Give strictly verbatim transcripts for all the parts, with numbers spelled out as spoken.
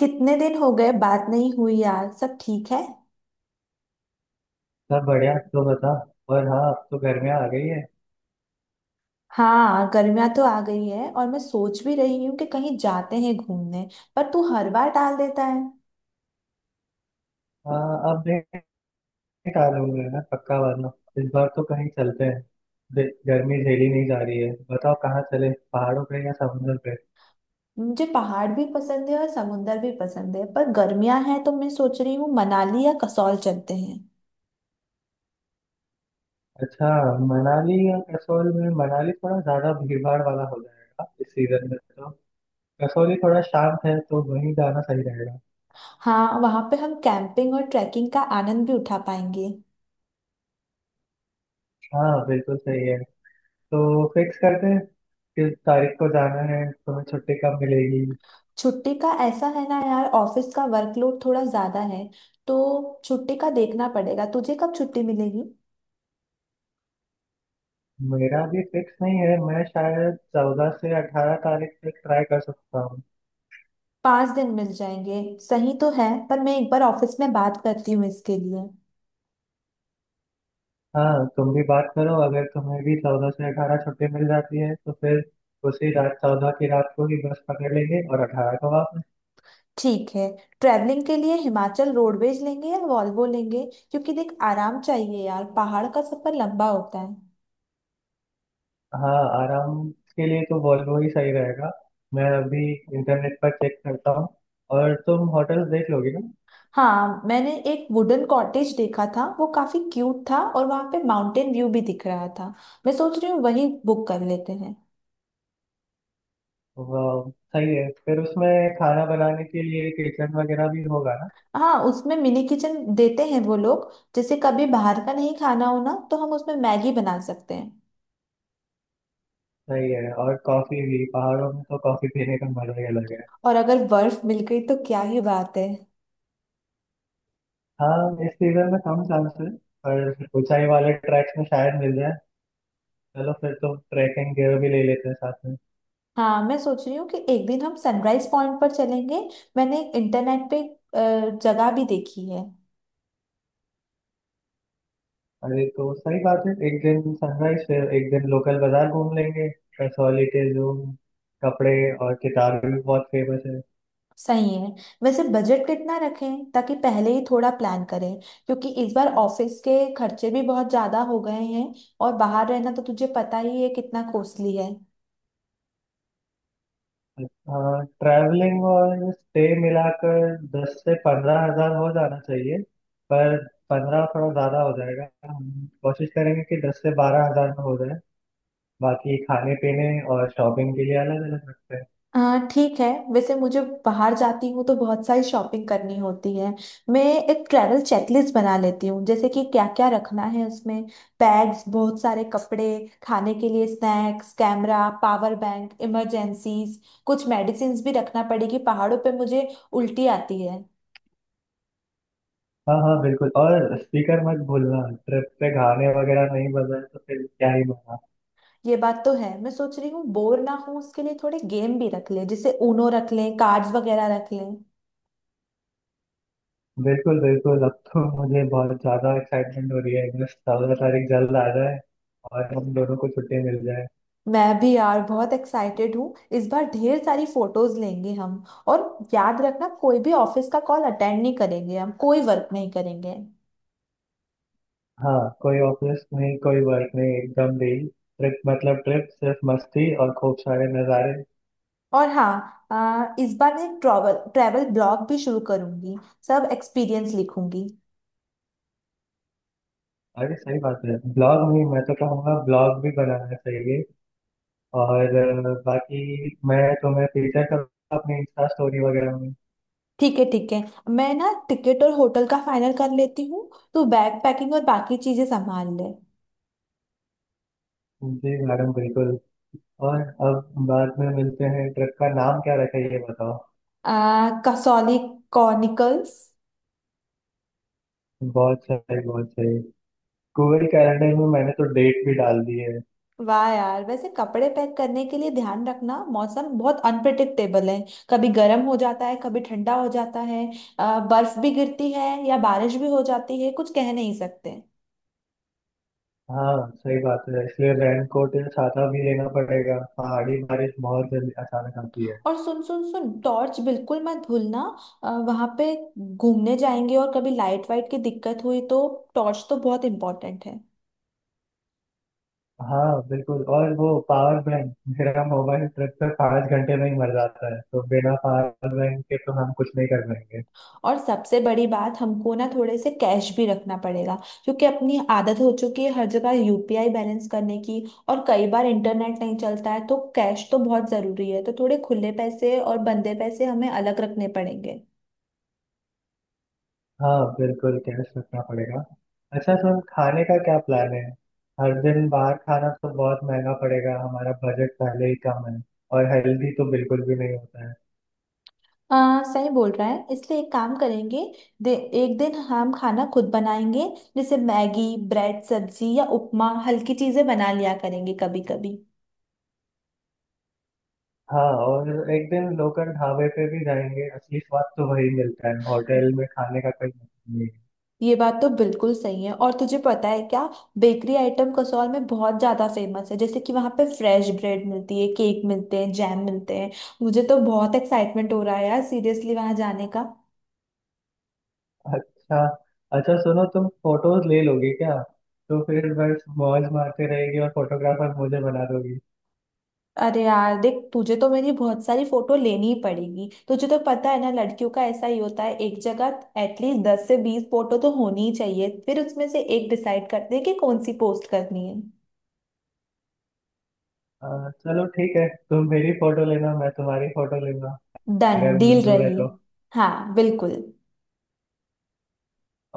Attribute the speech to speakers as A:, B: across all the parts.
A: कितने दिन हो गए बात नहीं हुई यार, सब ठीक है?
B: सब बढ़िया तो बता। और हाँ अब तो गर्मियाँ आ गई है।
A: हाँ, गर्मियाँ तो आ गई है और मैं सोच भी रही हूँ कि कहीं जाते हैं घूमने। पर तू हर बार टाल देता है।
B: हाँ अब देख आ लूंगा ना पक्का वाला। इस बार तो कहीं चलते हैं। दे- गर्मी झेली नहीं जा रही है। बताओ कहाँ चले, पहाड़ों पे या समुद्र पे?
A: मुझे पहाड़ भी पसंद है और समुंदर भी पसंद है, पर गर्मियाँ हैं तो मैं सोच रही हूँ मनाली या कसौल चलते हैं।
B: अच्छा, मनाली या कसौल में मनाली थोड़ा ज्यादा भीड़ भाड़ वाला हो जाएगा इस सीजन में तो। कसौली थोड़ा शांत है तो वहीं जाना सही रहेगा।
A: हाँ, वहाँ पे हम कैंपिंग और ट्रैकिंग का आनंद भी उठा पाएंगे।
B: हाँ बिल्कुल सही है। तो फिक्स करते हैं। किस तारीख को जाना है, तुम्हें छुट्टी कब मिलेगी?
A: छुट्टी का ऐसा है ना यार, ऑफिस का वर्कलोड थोड़ा ज्यादा है, तो छुट्टी का देखना पड़ेगा। तुझे कब छुट्टी मिलेगी?
B: मेरा भी फिक्स नहीं है, मैं शायद चौदह से अठारह तारीख तक ट्राई कर सकता हूँ।
A: पाँच दिन मिल जाएंगे। सही तो है, पर मैं एक बार ऑफिस में बात करती हूँ इसके लिए।
B: हाँ, तुम भी बात करो, अगर तुम्हें भी चौदह से अठारह छुट्टी मिल जाती है तो फिर उसी रात चौदह की रात को ही बस पकड़ लेंगे और अठारह को वापस।
A: ठीक है। ट्रैवलिंग के लिए हिमाचल रोडवेज लेंगे या वॉल्वो लेंगे? क्योंकि देख, आराम चाहिए यार, पहाड़ का सफर लंबा होता है।
B: हाँ, आराम के लिए तो वॉल्वो ही सही रहेगा। मैं अभी इंटरनेट पर चेक करता हूँ। और तुम होटल्स देख लोगे ना?
A: हाँ, मैंने एक वुडन कॉटेज देखा था, वो काफी क्यूट था और वहाँ पे माउंटेन व्यू भी दिख रहा था। मैं सोच रही हूँ वही बुक कर लेते हैं।
B: वाह सही है। फिर उसमें खाना बनाने के लिए किचन वगैरह भी होगा ना?
A: हाँ, उसमें मिनी किचन देते हैं वो लोग। जैसे कभी बाहर का नहीं खाना हो ना, तो हम उसमें मैगी बना सकते हैं।
B: सही है। और कॉफी भी, पहाड़ों में तो कॉफी पीने का मजा ही अलग है।
A: और अगर बर्फ मिल गई तो क्या ही बात है।
B: हाँ, इस सीजन में कम चांस है, पर ऊंचाई वाले ट्रैक्स में शायद मिल जाए। चलो फिर तो ट्रैकिंग गियर भी ले लेते हैं साथ में।
A: हाँ, मैं सोच रही हूँ कि एक दिन हम सनराइज पॉइंट पर चलेंगे। मैंने इंटरनेट पे अ, जगह भी देखी है।
B: अरे तो सही बात है, एक दिन सनराइज फिर एक दिन लोकल बाजार घूम लेंगे। कसौली के जो कपड़े और किताबें भी बहुत फेमस है।
A: सही है। वैसे बजट कितना रखें, ताकि पहले ही थोड़ा प्लान करें, क्योंकि इस बार ऑफिस के खर्चे भी बहुत ज़्यादा हो गए हैं और बाहर रहना तो तुझे पता ही है कितना कॉस्टली है।
B: हाँ, ट्रैवलिंग और स्टे मिलाकर दस से पंद्रह हजार हो जाना चाहिए। पर पंद्रह थोड़ा ज़्यादा हो जाएगा, हम कोशिश करेंगे कि दस से बारह हजार में हो जाए। बाकी खाने पीने और शॉपिंग के लिए अलग अलग रखते हैं।
A: हाँ, ठीक है। वैसे मुझे बाहर जाती हूँ तो बहुत सारी शॉपिंग करनी होती है। मैं एक ट्रैवल चेकलिस्ट बना लेती हूँ जैसे कि क्या क्या रखना है उसमें। बैग्स, बहुत सारे कपड़े, खाने के लिए snacks, camera, power bank, emergencies. कुछ मेडिसिन्स भी रखना पड़ेगी, पहाड़ों पे मुझे उल्टी आती है।
B: हाँ हाँ बिल्कुल, और स्पीकर मत भूलना। ट्रिप पे गाने वगैरह नहीं बजाए तो फिर क्या ही मजा।
A: ये बात तो है। मैं सोच रही हूँ बोर ना हो, उसके लिए थोड़े गेम भी रख लें, जैसे ऊनो रख लें, कार्ड्स वगैरह रख लें।
B: बिल्कुल बिल्कुल, अब तो मुझे बहुत ज्यादा एक्साइटमेंट हो रही है, बस चौदह तारीख जल्द आ जाए और हम दोनों को छुट्टी मिल जाए।
A: मैं भी यार बहुत एक्साइटेड हूँ। इस बार ढेर सारी फोटोज लेंगे हम। और याद रखना, कोई भी ऑफिस का कॉल अटेंड नहीं करेंगे, हम कोई वर्क नहीं करेंगे।
B: हाँ, कोई ऑफिस नहीं कोई वर्क नहीं, एकदम भी ट्रिप मतलब ट्रिप, सिर्फ मस्ती और खूब सारे नज़ारे।
A: और हाँ, आ, इस बार मैं ट्रैवल ट्रैवल ब्लॉग भी शुरू करूंगी। सब एक्सपीरियंस लिखूंगी।
B: अरे सही बात है, ब्लॉग भी, मैं तो कहूँगा ब्लॉग भी बनाना चाहिए। और अ, बाकी मैं तुम्हें फीचर करूँगा अपनी इंस्टा स्टोरी वगैरह में।
A: ठीक है, ठीक है। मैं ना टिकट और होटल का फाइनल कर लेती हूँ। तू बैग पैकिंग और बाकी चीजें संभाल ले।
B: जी मैडम बिल्कुल। और अब बाद में मिलते हैं, ट्रिप का नाम क्या रखा है ये बताओ?
A: आ, कसौली कॉनिकल्स।
B: बहुत सही बहुत सही। गूगल कैलेंडर में मैंने तो डेट भी डाल दी है।
A: वाह यार, वैसे कपड़े पैक करने के लिए ध्यान रखना, मौसम बहुत अनप्रिडिक्टेबल है। कभी गर्म हो जाता है, कभी ठंडा हो जाता है। अ, बर्फ भी गिरती है या बारिश भी हो जाती है, कुछ कह नहीं सकते।
B: हाँ सही बात है, इसलिए रेन कोट या छाता भी लेना पड़ेगा, पहाड़ी बारिश बहुत जल्दी अचानक आती है।
A: और सुन सुन सुन, टॉर्च बिल्कुल मत भूलना। वहां पे घूमने जाएंगे और कभी लाइट वाइट की दिक्कत हुई तो टॉर्च तो बहुत इंपॉर्टेंट है।
B: हाँ बिल्कुल, और वो पावर बैंक, मेरा मोबाइल ट्रिप पे पाँच घंटे में ही मर जाता है, तो बिना पावर बैंक के तो हम कुछ नहीं कर पाएंगे।
A: और सबसे बड़ी बात, हमको ना थोड़े से कैश भी रखना पड़ेगा, क्योंकि अपनी आदत हो चुकी है हर जगह यूपीआई बैलेंस करने की। और कई बार इंटरनेट नहीं चलता है, तो कैश तो बहुत ज़रूरी है। तो थोड़े खुले पैसे और बंदे पैसे हमें अलग रखने पड़ेंगे।
B: हाँ बिल्कुल, टेस्ट रखना पड़ेगा। अच्छा सुन, खाने का क्या प्लान है? हर दिन बाहर खाना तो बहुत महंगा पड़ेगा, हमारा बजट पहले ही कम है, और हेल्दी तो बिल्कुल भी नहीं होता है।
A: आ, सही बोल रहा है, इसलिए एक काम करेंगे, दे, एक दिन हम खाना खुद बनाएंगे। जैसे मैगी, ब्रेड, सब्जी या उपमा, हल्की चीज़ें बना लिया करेंगे कभी कभी।
B: हाँ, और एक दिन लोकल ढाबे पे भी जाएंगे, असली स्वाद तो वही मिलता है, होटल में खाने का कोई मतलब नहीं है।
A: ये बात तो बिल्कुल सही है। और तुझे पता है क्या, बेकरी आइटम कसौल में बहुत ज्यादा फेमस है, जैसे कि वहां पे फ्रेश ब्रेड मिलती है, केक मिलते हैं, जैम मिलते हैं। मुझे तो बहुत एक्साइटमेंट हो रहा है यार, सीरियसली वहां जाने का।
B: अच्छा अच्छा सुनो, तुम फोटोज ले लोगे क्या? तो फिर बस मौज मारते रहेगी और फोटोग्राफर मुझे बना दोगी।
A: अरे यार देख, तुझे तो मेरी बहुत सारी फोटो लेनी ही पड़ेगी। तुझे तो पता है ना लड़कियों का ऐसा ही होता है। एक जगह एटलीस्ट दस से बीस फोटो तो होनी ही चाहिए, फिर उसमें से एक डिसाइड करते हैं कि कौन सी पोस्ट करनी है।
B: आ, चलो ठीक है, तुम मेरी फोटो लेना, मैं तुम्हारी फोटो लूंगा,
A: डन
B: अगर
A: डील
B: मंजूर है
A: रही।
B: तो।
A: हाँ, बिल्कुल।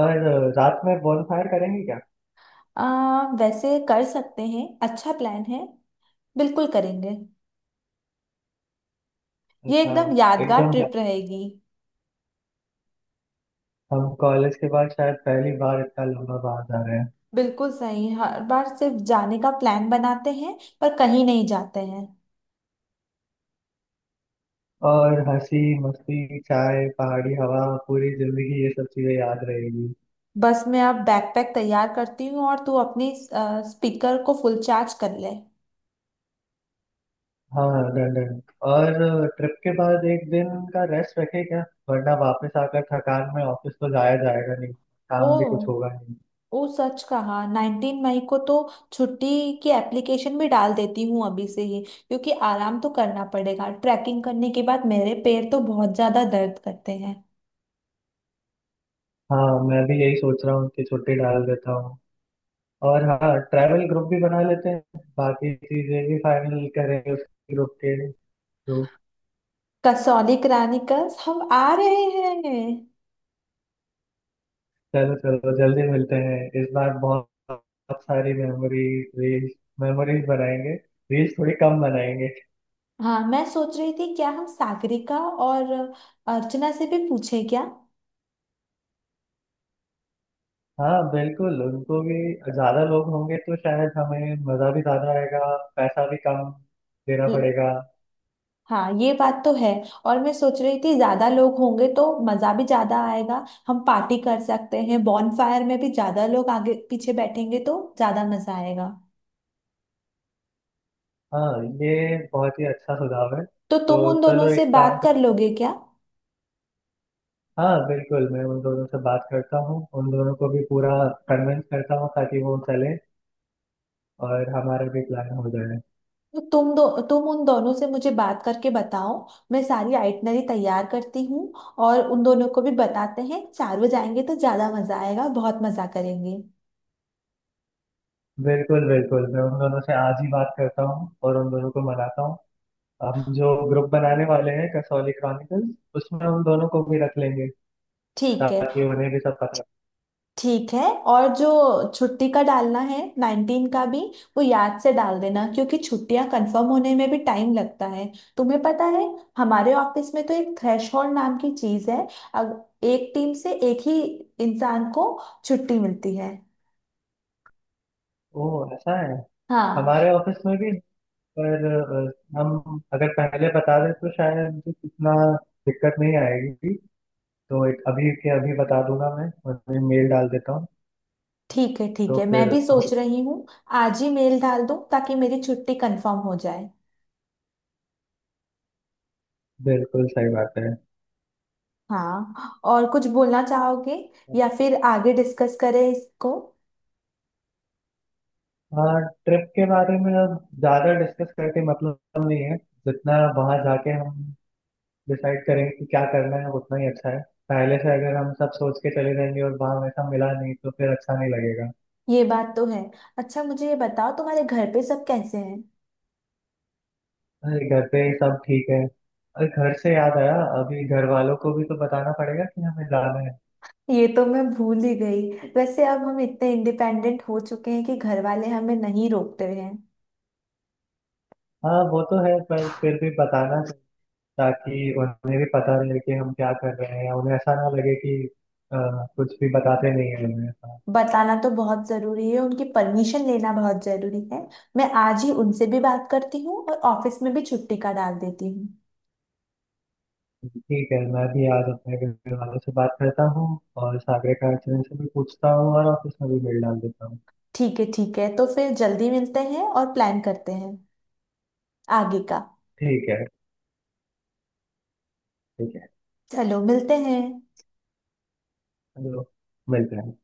B: और अ, रात में फायर करेंगे क्या?
A: आ, वैसे कर सकते हैं, अच्छा प्लान है, बिल्कुल करेंगे। ये
B: अच्छा।
A: एकदम यादगार
B: एकदम,
A: ट्रिप रहेगी।
B: हम कॉलेज के बाद शायद पहली बार इतना लंबा बाहर जा रहे हैं।
A: बिल्कुल सही, हर बार सिर्फ जाने का प्लान बनाते हैं पर कहीं नहीं जाते हैं।
B: और हंसी मस्ती चाय पहाड़ी हवा, पूरी जिंदगी ये सब चीजें याद रहेगी।
A: बस मैं अब बैकपैक तैयार करती हूँ और तू अपनी आ, स्पीकर को फुल चार्ज कर ले।
B: हाँ डन डन। और ट्रिप के बाद एक दिन का रेस्ट रखें क्या? वरना वापस आकर थकान में ऑफिस तो जाया जाएगा नहीं,
A: ओ।
B: काम भी कुछ होगा नहीं।
A: ओ सच कहा, नाइनटीन मई को तो छुट्टी की एप्लीकेशन भी डाल देती हूँ अभी से ही, क्योंकि आराम तो करना पड़ेगा। ट्रैकिंग करने के बाद मेरे पैर तो बहुत ज़्यादा दर्द करते हैं।
B: हाँ, मैं भी यही सोच रहा हूँ कि छुट्टी डाल देता हूँ। और हाँ, ट्रैवल ग्रुप भी बना लेते हैं, बाकी चीजें भी फाइनल करेंगे उस ग्रुप के तो।
A: कसौली करानिकस हम आ रहे हैं।
B: चलो चलो जल्दी मिलते हैं, इस बार बहुत बहुत सारी मेमोरीज रील्स, मेमोरीज बनाएंगे, रील्स थोड़ी कम बनाएंगे।
A: हाँ, मैं सोच रही थी क्या हम सागरिका और अर्चना से भी पूछें क्या?
B: हाँ बिल्कुल उनको भी, ज्यादा लोग होंगे तो शायद हमें मजा भी ज्यादा आएगा, पैसा भी कम देना
A: ल-
B: पड़ेगा।
A: हाँ, ये बात तो है। और मैं सोच रही थी ज्यादा लोग होंगे तो मजा भी ज्यादा आएगा, हम पार्टी कर सकते हैं, बॉनफायर में भी ज्यादा लोग आगे पीछे बैठेंगे तो ज्यादा मजा आएगा।
B: हाँ ये बहुत ही अच्छा सुझाव है,
A: तो
B: तो
A: तुम उन
B: चलो
A: दोनों से
B: एक काम
A: बात कर
B: करते हैं।
A: लोगे क्या?
B: हाँ बिल्कुल, मैं उन दोनों से बात करता हूँ, उन दोनों को भी पूरा कन्विंस करता हूँ ताकि वो चले और हमारा भी प्लान हो जाए।
A: तो तुम दो तुम उन दोनों से मुझे बात करके बताओ। मैं सारी आइटनरी तैयार करती हूँ, और उन दोनों को भी बताते हैं। चारों जाएंगे तो ज्यादा मजा आएगा, बहुत मजा करेंगे।
B: बिल्कुल बिल्कुल, मैं उन दोनों से आज ही बात करता हूँ और उन दोनों को मनाता हूँ। हम जो ग्रुप बनाने वाले हैं कसौली क्रॉनिकल्स, उसमें उन दोनों को भी रख लेंगे,
A: ठीक है,
B: ताकि उन्हें भी सब पता।
A: ठीक है। और जो छुट्टी का डालना है नाइनटीन का भी, वो याद से डाल देना क्योंकि छुट्टियां कंफर्म होने में भी टाइम लगता है, तुम्हें पता है। हमारे ऑफिस में तो एक थ्रेशहोल्ड नाम की चीज है। अग- एक टीम से एक ही इंसान को छुट्टी मिलती है।
B: ओ, ऐसा है?
A: हाँ।
B: हमारे ऑफिस में भी, पर अ, हम अगर पहले बता दें तो शायद इतना दिक्कत नहीं आएगी। तो एक अभी के अभी बता दूंगा, मैं उन्हें मेल डाल देता हूँ।
A: ठीक है, ठीक
B: तो
A: है, मैं
B: फिर
A: भी
B: हो-
A: सोच रही हूँ आज ही मेल डाल दूँ ताकि मेरी छुट्टी कंफर्म हो जाए।
B: बिल्कुल सही बात है।
A: हाँ, और कुछ बोलना चाहोगे? या फिर आगे डिस्कस करें इसको?
B: हाँ, ट्रिप के बारे में अब ज्यादा डिस्कस करके मतलब नहीं है, जितना वहां जाके हम डिसाइड करेंगे कि क्या करना है उतना ही अच्छा है। पहले से अगर हम सब सोच के चले जाएंगे और वहां वैसा मिला नहीं तो फिर अच्छा नहीं लगेगा।
A: ये बात तो है। अच्छा मुझे ये बताओ, तुम्हारे घर पे सब कैसे हैं?
B: अरे घर पे ही सब ठीक है, अरे घर से याद आया, अभी घर वालों को भी तो बताना पड़ेगा कि हमें जाना है।
A: ये तो मैं भूल ही गई। वैसे अब हम इतने इंडिपेंडेंट हो चुके हैं कि घर वाले हमें नहीं रोकते हैं।
B: हाँ वो तो है, पर फिर भी बताना चाहिए, ताकि उन्हें भी पता रहे कि हम क्या कर रहे हैं, उन्हें ऐसा ना लगे कि अ, कुछ भी बताते नहीं है उन्हें।
A: बताना तो बहुत जरूरी है, उनकी परमिशन लेना बहुत जरूरी है। मैं आज ही उनसे भी बात करती हूँ और ऑफिस में भी छुट्टी का डाल देती हूँ।
B: ठीक है, मैं भी आज अपने घर वालों से बात करता हूँ और सागरे का एक्सीडेंट से भी पूछता हूँ और ऑफिस में भी मेल डाल देता हूँ।
A: ठीक है, ठीक है, तो फिर जल्दी मिलते हैं और प्लान करते हैं आगे का।
B: ठीक है ठीक है,
A: चलो मिलते हैं।
B: चलो मिलते हैं।